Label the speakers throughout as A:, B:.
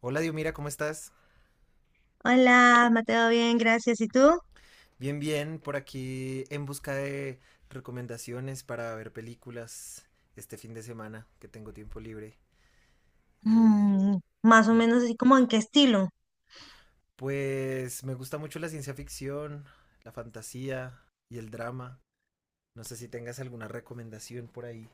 A: Hola Diomira, ¿cómo estás?
B: Hola, Mateo, bien, gracias. ¿Y tú?
A: Bien, por aquí en busca de recomendaciones para ver películas este fin de semana que tengo tiempo libre. Eh,
B: Mm, más o
A: que,
B: menos así como en qué estilo.
A: pues me gusta mucho la ciencia ficción, la fantasía y el drama. No sé si tengas alguna recomendación por ahí.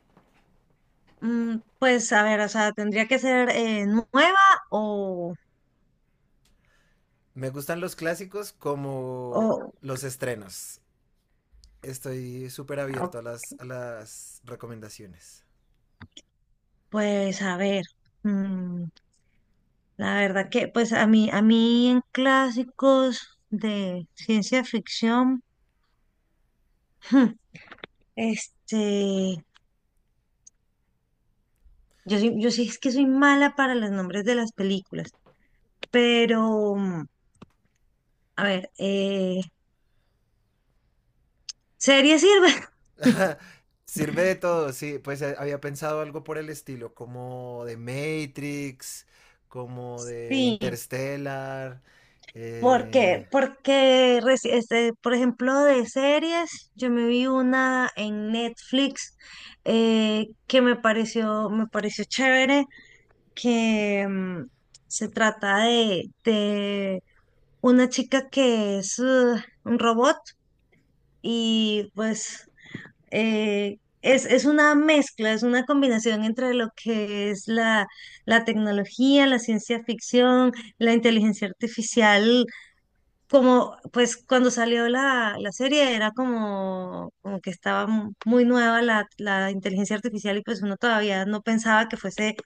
B: Pues a ver, o sea, tendría que ser nueva o,
A: Me gustan los clásicos como
B: o,
A: los estrenos. Estoy súper
B: o,
A: abierto a a las recomendaciones.
B: pues a ver. mm, la verdad que pues a mí, a mí, en clásicos de ciencia ficción, este, yo sí es que soy mala para los nombres de las películas, pero a ver, ¿serie sirve?
A: Sirve de todo, sí. Pues había pensado algo por el estilo, como de Matrix, como de
B: Sí.
A: Interstellar. eh,
B: Porque, por ejemplo, de series, yo me vi una en Netflix que me pareció chévere, que se trata de una chica que es un robot y pues es una mezcla, es una combinación entre lo que es la tecnología, la ciencia ficción, la inteligencia artificial como, pues cuando salió la serie era como, como que estaba muy nueva la inteligencia artificial y pues uno todavía no pensaba que fuese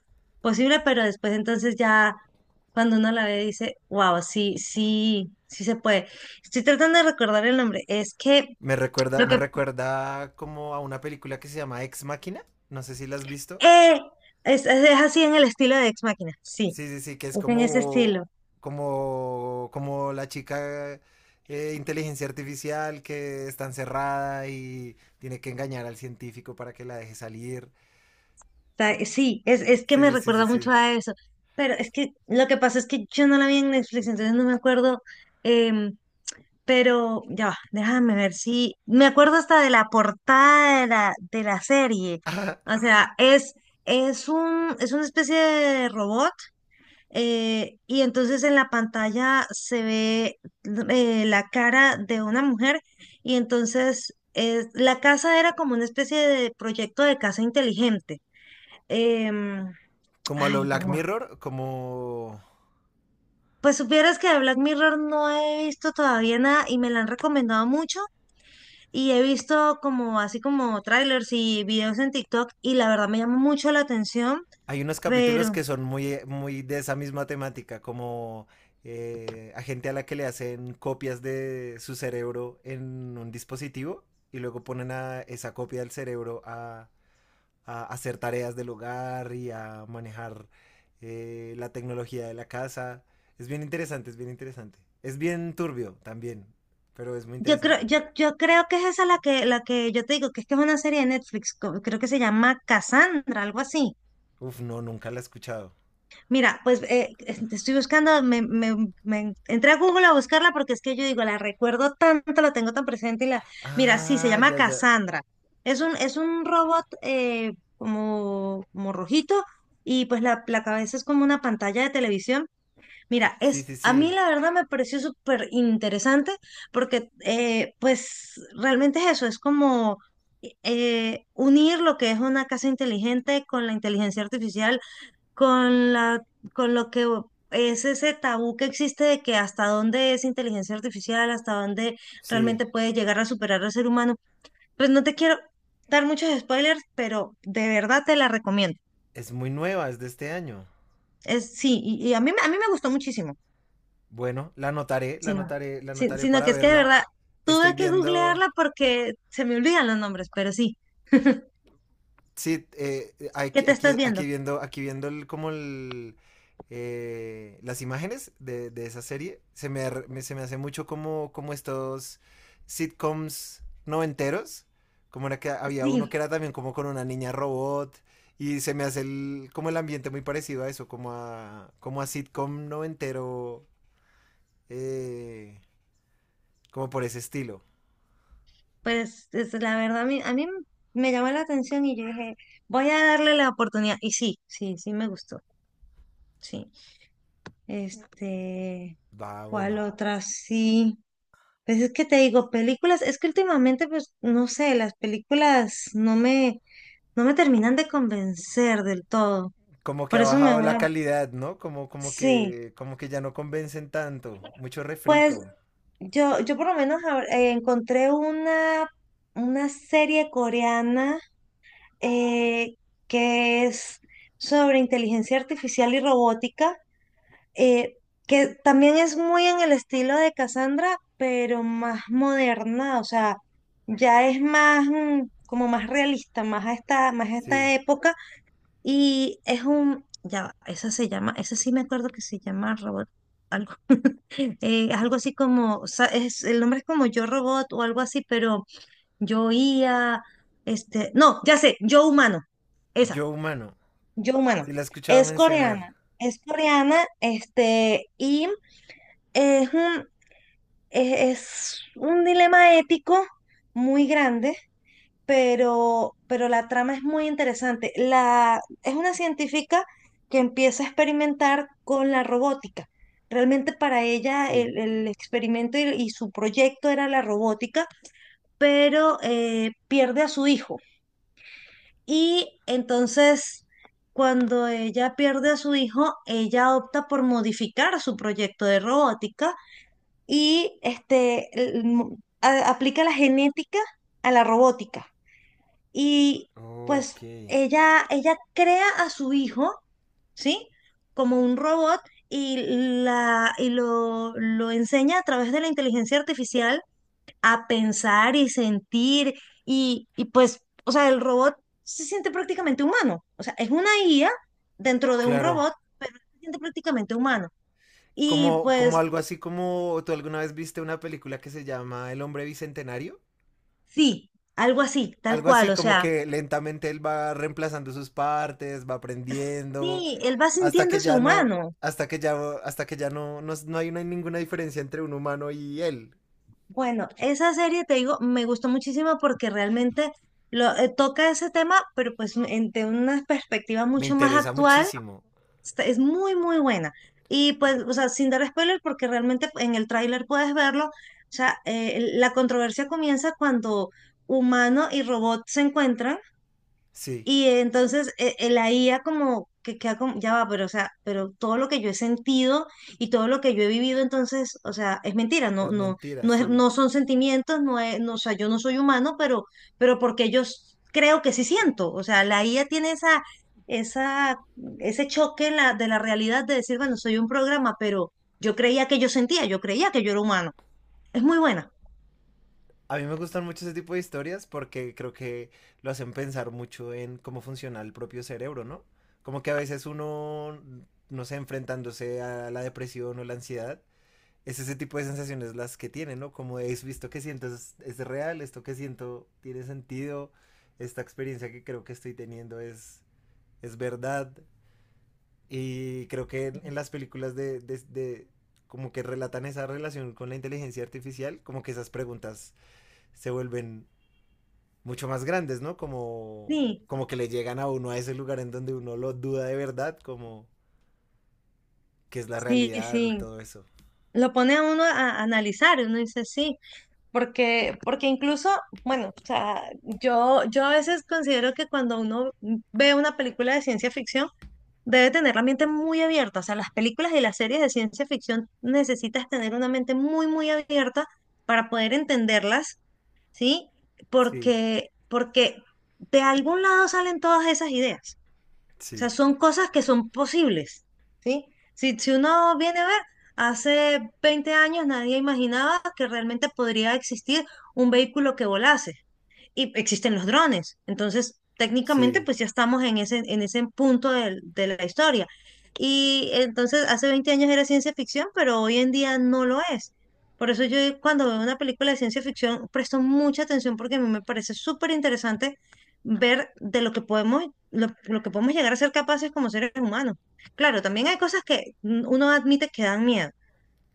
B: posible, pero después entonces ya cuando uno la ve dice, wow, sí, sí, sí se puede. Estoy tratando de recordar el nombre, es que
A: me recuerda,
B: lo
A: me
B: que...
A: recuerda como a una película que se llama Ex Máquina. No sé si la has visto.
B: ¡Eh! Es así en el estilo de Ex Machina, sí,
A: Sí, sí, sí, que es
B: es en ese estilo.
A: como la chica inteligencia artificial que está encerrada y tiene que engañar al científico para que la deje salir.
B: Sí, es que
A: Sí,
B: me
A: sí, sí, sí,
B: recuerda mucho
A: sí.
B: a eso. Pero es que lo que pasa es que yo no la vi en Netflix, entonces no me acuerdo. em, pero ya va, déjame ver si. Me acuerdo hasta de la portada de la serie. O sea, es un, es una especie de robot. Y entonces en la pantalla se ve la cara de una mujer. Y entonces la casa era como una especie de proyecto de casa inteligente. Em,
A: Como a lo
B: Ay,
A: Black
B: no.
A: Mirror, como
B: Pues supieras que de Black Mirror no he visto todavía nada y me la han recomendado mucho y he visto como así como trailers y videos en TikTok y la verdad me llama mucho la atención,
A: hay unos capítulos
B: pero
A: que son muy de esa misma temática, como a gente a la que le hacen copias de su cerebro en un dispositivo y luego ponen a esa copia del a hacer tareas del hogar y a manejar la tecnología de la casa. Es bien interesante, es bien interesante. Es bien turbio también, pero es muy
B: yo creo,
A: interesante.
B: yo creo que es esa la que yo te digo, que es una serie de Netflix, creo que se llama Cassandra, algo así.
A: Uf, no, nunca la he escuchado.
B: Mira, pues estoy buscando, me entré a Google a buscarla porque es que yo digo, la recuerdo tanto, la tengo tan presente y la... Mira, sí, se
A: Ah,
B: llama
A: ya, ya.
B: Cassandra. Es un robot como, como rojito y pues la cabeza es como una pantalla de televisión. Mira,
A: Sí,
B: es,
A: sí,
B: a mí
A: sí.
B: la verdad me pareció súper interesante porque pues realmente es eso, es como... unir lo que es una casa inteligente con la inteligencia artificial con con lo que es ese tabú que existe de que hasta dónde es inteligencia artificial, hasta dónde
A: Sí,
B: realmente puede llegar a superar al ser humano. Pues no te quiero dar muchos spoilers, pero de verdad te la recomiendo.
A: es muy nueva, es de este año.
B: Es, sí, y a mí, a mí me gustó muchísimo,
A: Bueno, la anotaré, la
B: sino,
A: anotaré, la anotaré
B: sino
A: para
B: que es que de
A: verla.
B: verdad
A: Estoy
B: tuve que
A: viendo,
B: googlearla porque se me olvidan los nombres, pero sí.
A: sí,
B: ¿Qué te estás viendo?
A: aquí viendo las imágenes de esa serie. Se me, se me hace mucho como, como estos sitcoms noventeros. Como era que había
B: Sí.
A: uno que era también como con una niña robot. Y se me hace el, como el ambiente muy parecido a eso, como a, como a sitcom noventero, eh, como por ese estilo.
B: Pues la verdad, a mí me llamó la atención y yo dije, voy a darle la oportunidad. Y sí, sí, sí me gustó. Sí. Este,
A: Va, bueno.
B: ¿cuál otra? Sí. Pues es que te digo, películas, es que últimamente, pues, no sé, las películas no me, no me terminan de convencer del todo.
A: Como que
B: Por
A: ha
B: eso me
A: bajado
B: voy.
A: la calidad, ¿no?
B: Sí.
A: Como que ya no convencen tanto. Mucho
B: Pues
A: refrito.
B: yo por lo menos ahora, encontré una serie coreana eh, que es sobre inteligencia artificial y robótica, eh, que también es muy en el estilo de Cassandra, pero más moderna, o sea, ya es más como más realista, más a
A: Sí.
B: esta época, y es un, ya, va, esa se llama, esa sí me acuerdo que se llama robot. Algo, algo así como, o sea, es, el nombre es como Yo Robot o algo así, pero yo IA, no, ya sé, Yo Humano, esa.
A: Yo humano.
B: Yo, bueno,
A: Sí la he escuchado mencionar.
B: es coreana, y es un, es, es un dilema ético muy grande, pero la trama es muy interesante. La, es una científica que empieza a experimentar con la robótica. Realmente para ella
A: Sí.
B: el experimento y su proyecto era la robótica, pero pierde a su hijo. Y entonces, cuando ella pierde a su hijo, ella opta por modificar su proyecto de robótica y aplica la genética a la robótica. Y pues
A: Ok.
B: ella crea a su hijo, ¿sí? Como un robot y, la, y lo enseña a través de la inteligencia artificial a pensar y sentir y pues, o sea, el robot se siente prácticamente humano. O sea, es una IA dentro de un
A: Claro.
B: robot, pero se siente prácticamente humano. Y
A: Como, como
B: pues
A: algo así como tú alguna vez viste una película que se llama El Hombre Bicentenario.
B: sí, algo así, tal
A: Algo
B: cual.
A: así
B: O
A: como
B: sea,
A: que lentamente él va reemplazando sus partes, va aprendiendo,
B: sí, él va
A: hasta que
B: sintiéndose
A: ya no,
B: humano.
A: hasta que ya, hasta que ya no, no, no hay ninguna diferencia entre un humano y él.
B: Bueno, esa serie, te digo, me gustó muchísimo porque realmente lo, toca ese tema, pero pues de una perspectiva
A: Me
B: mucho más
A: interesa
B: actual.
A: muchísimo.
B: Es muy, muy buena. Y pues, o sea, sin dar spoiler, porque realmente en el tráiler puedes verlo, o sea, la controversia comienza cuando humano y robot se encuentran
A: Sí,
B: y entonces la IA como que queda como, ya va, pero o sea, pero todo lo que yo he sentido y todo lo que yo he vivido, entonces, o sea, es mentira, no,
A: es
B: no,
A: mentira,
B: no es,
A: sí.
B: no son sentimientos, no es, no, o sea, yo no soy humano, pero porque yo creo que sí siento. O sea, la IA tiene esa, esa, ese choque en la, de la realidad de decir, bueno, soy un programa, pero yo creía que yo sentía, yo creía que yo era humano. Es muy buena.
A: A mí me gustan mucho ese tipo de historias porque creo que lo hacen pensar mucho en cómo funciona el propio cerebro, ¿no? Como que a veces uno, no sé, enfrentándose a la depresión o la ansiedad, es ese tipo de sensaciones las que tiene, ¿no? Como es visto que siento es real, esto que siento tiene sentido, esta experiencia que creo que estoy teniendo es verdad. Y creo que en las películas como que relatan esa relación con la inteligencia artificial, como que esas preguntas se vuelven mucho más grandes, ¿no? Como,
B: Sí,
A: como que le llegan a uno a ese lugar en donde uno lo duda de verdad, como qué es la
B: sí,
A: realidad y
B: sí.
A: todo eso.
B: Lo pone a uno a analizar, y uno dice, sí. Porque, porque incluso, bueno, o sea, yo a veces considero que cuando uno ve una película de ciencia ficción, debe tener la mente muy abierta. O sea, las películas y las series de ciencia ficción necesitas tener una mente muy, muy abierta para poder entenderlas, ¿sí?
A: Sí,
B: Porque, porque de algún lado salen todas esas ideas. O sea,
A: sí,
B: son cosas que son posibles, ¿sí? Si, si uno viene a ver, hace 20 años nadie imaginaba que realmente podría existir un vehículo que volase y existen los drones. Entonces, técnicamente,
A: sí,
B: pues ya estamos en ese punto de la historia. Y entonces, hace 20 años era ciencia ficción, pero hoy en día no lo es. Por eso yo cuando veo una película de ciencia ficción presto mucha atención porque a mí me parece súper interesante ver de lo que podemos llegar a ser capaces como seres humanos. Claro, también hay cosas que uno admite que dan miedo,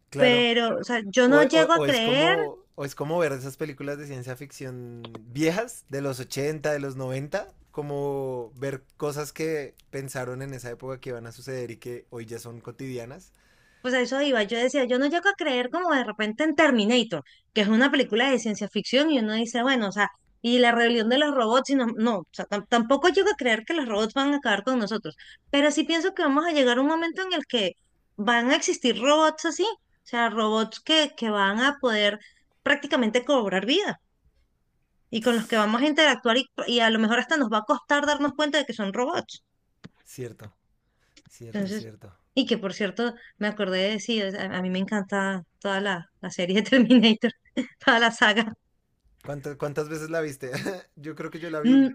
A: claro.
B: pero o sea, yo no llego a creer.
A: O es como ver esas películas de ciencia ficción viejas, de los 80 de los noventa, como ver cosas que pensaron en esa época que iban a suceder y que hoy ya son cotidianas.
B: Pues a eso iba. Yo decía, yo no llego a creer como de repente en Terminator, que es una película de ciencia ficción y uno dice, bueno, o sea, y la rebelión de los robots, y no, no, o sea, tampoco llego a creer que los robots van a acabar con nosotros, pero sí pienso que vamos a llegar a un momento en el que van a existir robots así, o sea, robots que van a poder prácticamente cobrar vida y con los que vamos a interactuar y a lo mejor hasta nos va a costar darnos cuenta de que son robots.
A: Cierto, cierto,
B: Entonces,
A: cierto.
B: y que por cierto, me acordé de sí, o sea, a mí me encanta toda la serie de Terminator, toda la saga.
A: Cuántas veces la viste? Yo creo que yo la vi
B: Mm,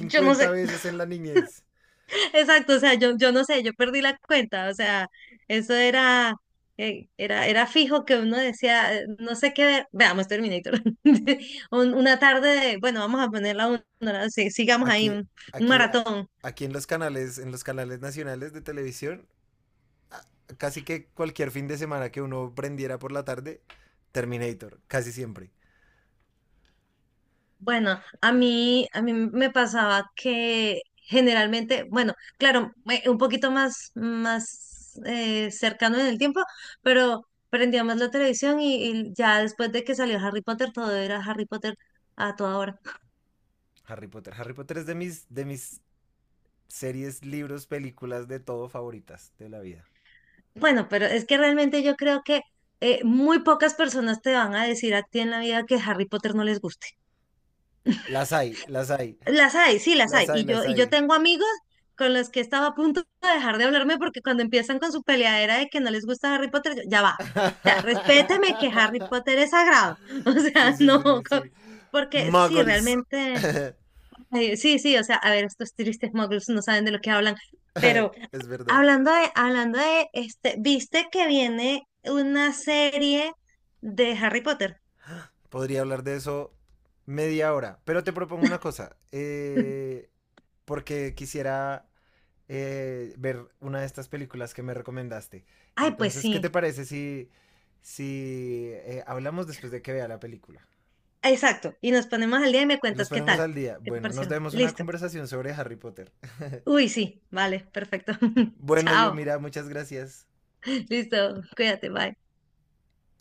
B: Yo no sé,
A: veces en la niñez.
B: exacto, o sea, yo no sé, yo perdí la cuenta, o sea, eso era, era, era fijo que uno decía, no sé qué ver, veamos Terminator. Una tarde, de, bueno, vamos a ponerla una, hora, sí, sigamos ahí,
A: Aquí,
B: un
A: aquí, a-
B: maratón.
A: aquí en los en los canales nacionales de televisión, a- casi que cualquier fin de semana que uno prendiera por la tarde, Terminator, casi siempre.
B: Bueno, a mí me pasaba que generalmente, bueno, claro, un poquito más, más cercano en el tiempo, pero prendíamos la televisión y ya después de que salió Harry Potter, todo era Harry Potter a toda hora.
A: Harry Potter. Harry Potter es de de mis series, libros, películas, de todo favoritas de la vida.
B: Bueno, pero es que realmente yo creo que muy pocas personas te van a decir a ti en la vida que Harry Potter no les guste.
A: Las hay, las hay,
B: Las hay, sí, las hay.
A: las hay, las
B: Y yo
A: hay.
B: tengo amigos con los que estaba a punto de dejar de hablarme porque cuando empiezan con su peleadera de que no les gusta Harry Potter, yo, ya va. O sea, respéteme que Harry Potter es sagrado. O
A: Sí,
B: sea,
A: sí,
B: no,
A: sí, sí, sí.
B: porque sí,
A: Muggles.
B: realmente, sí, sí, o sea, a ver, estos tristes muggles no saben de lo que hablan. Pero
A: Es verdad.
B: hablando de, este, ¿viste que viene una serie de Harry Potter?
A: Podría hablar de eso 1/2 hora. Pero te propongo una cosa. Porque quisiera ver una de estas películas que me recomendaste.
B: Ay, pues
A: Entonces, ¿qué
B: sí,
A: te parece si hablamos después de que vea la película?
B: exacto. Y nos ponemos al día y me
A: Y los
B: cuentas qué
A: ponemos
B: tal,
A: al día.
B: qué te
A: Bueno, nos
B: parecieron.
A: demos una
B: Listo.
A: conversación sobre Harry Potter.
B: Uy, sí, vale, perfecto.
A: Bueno, Dios,
B: Chao,
A: mira, muchas gracias.
B: listo, cuídate, bye.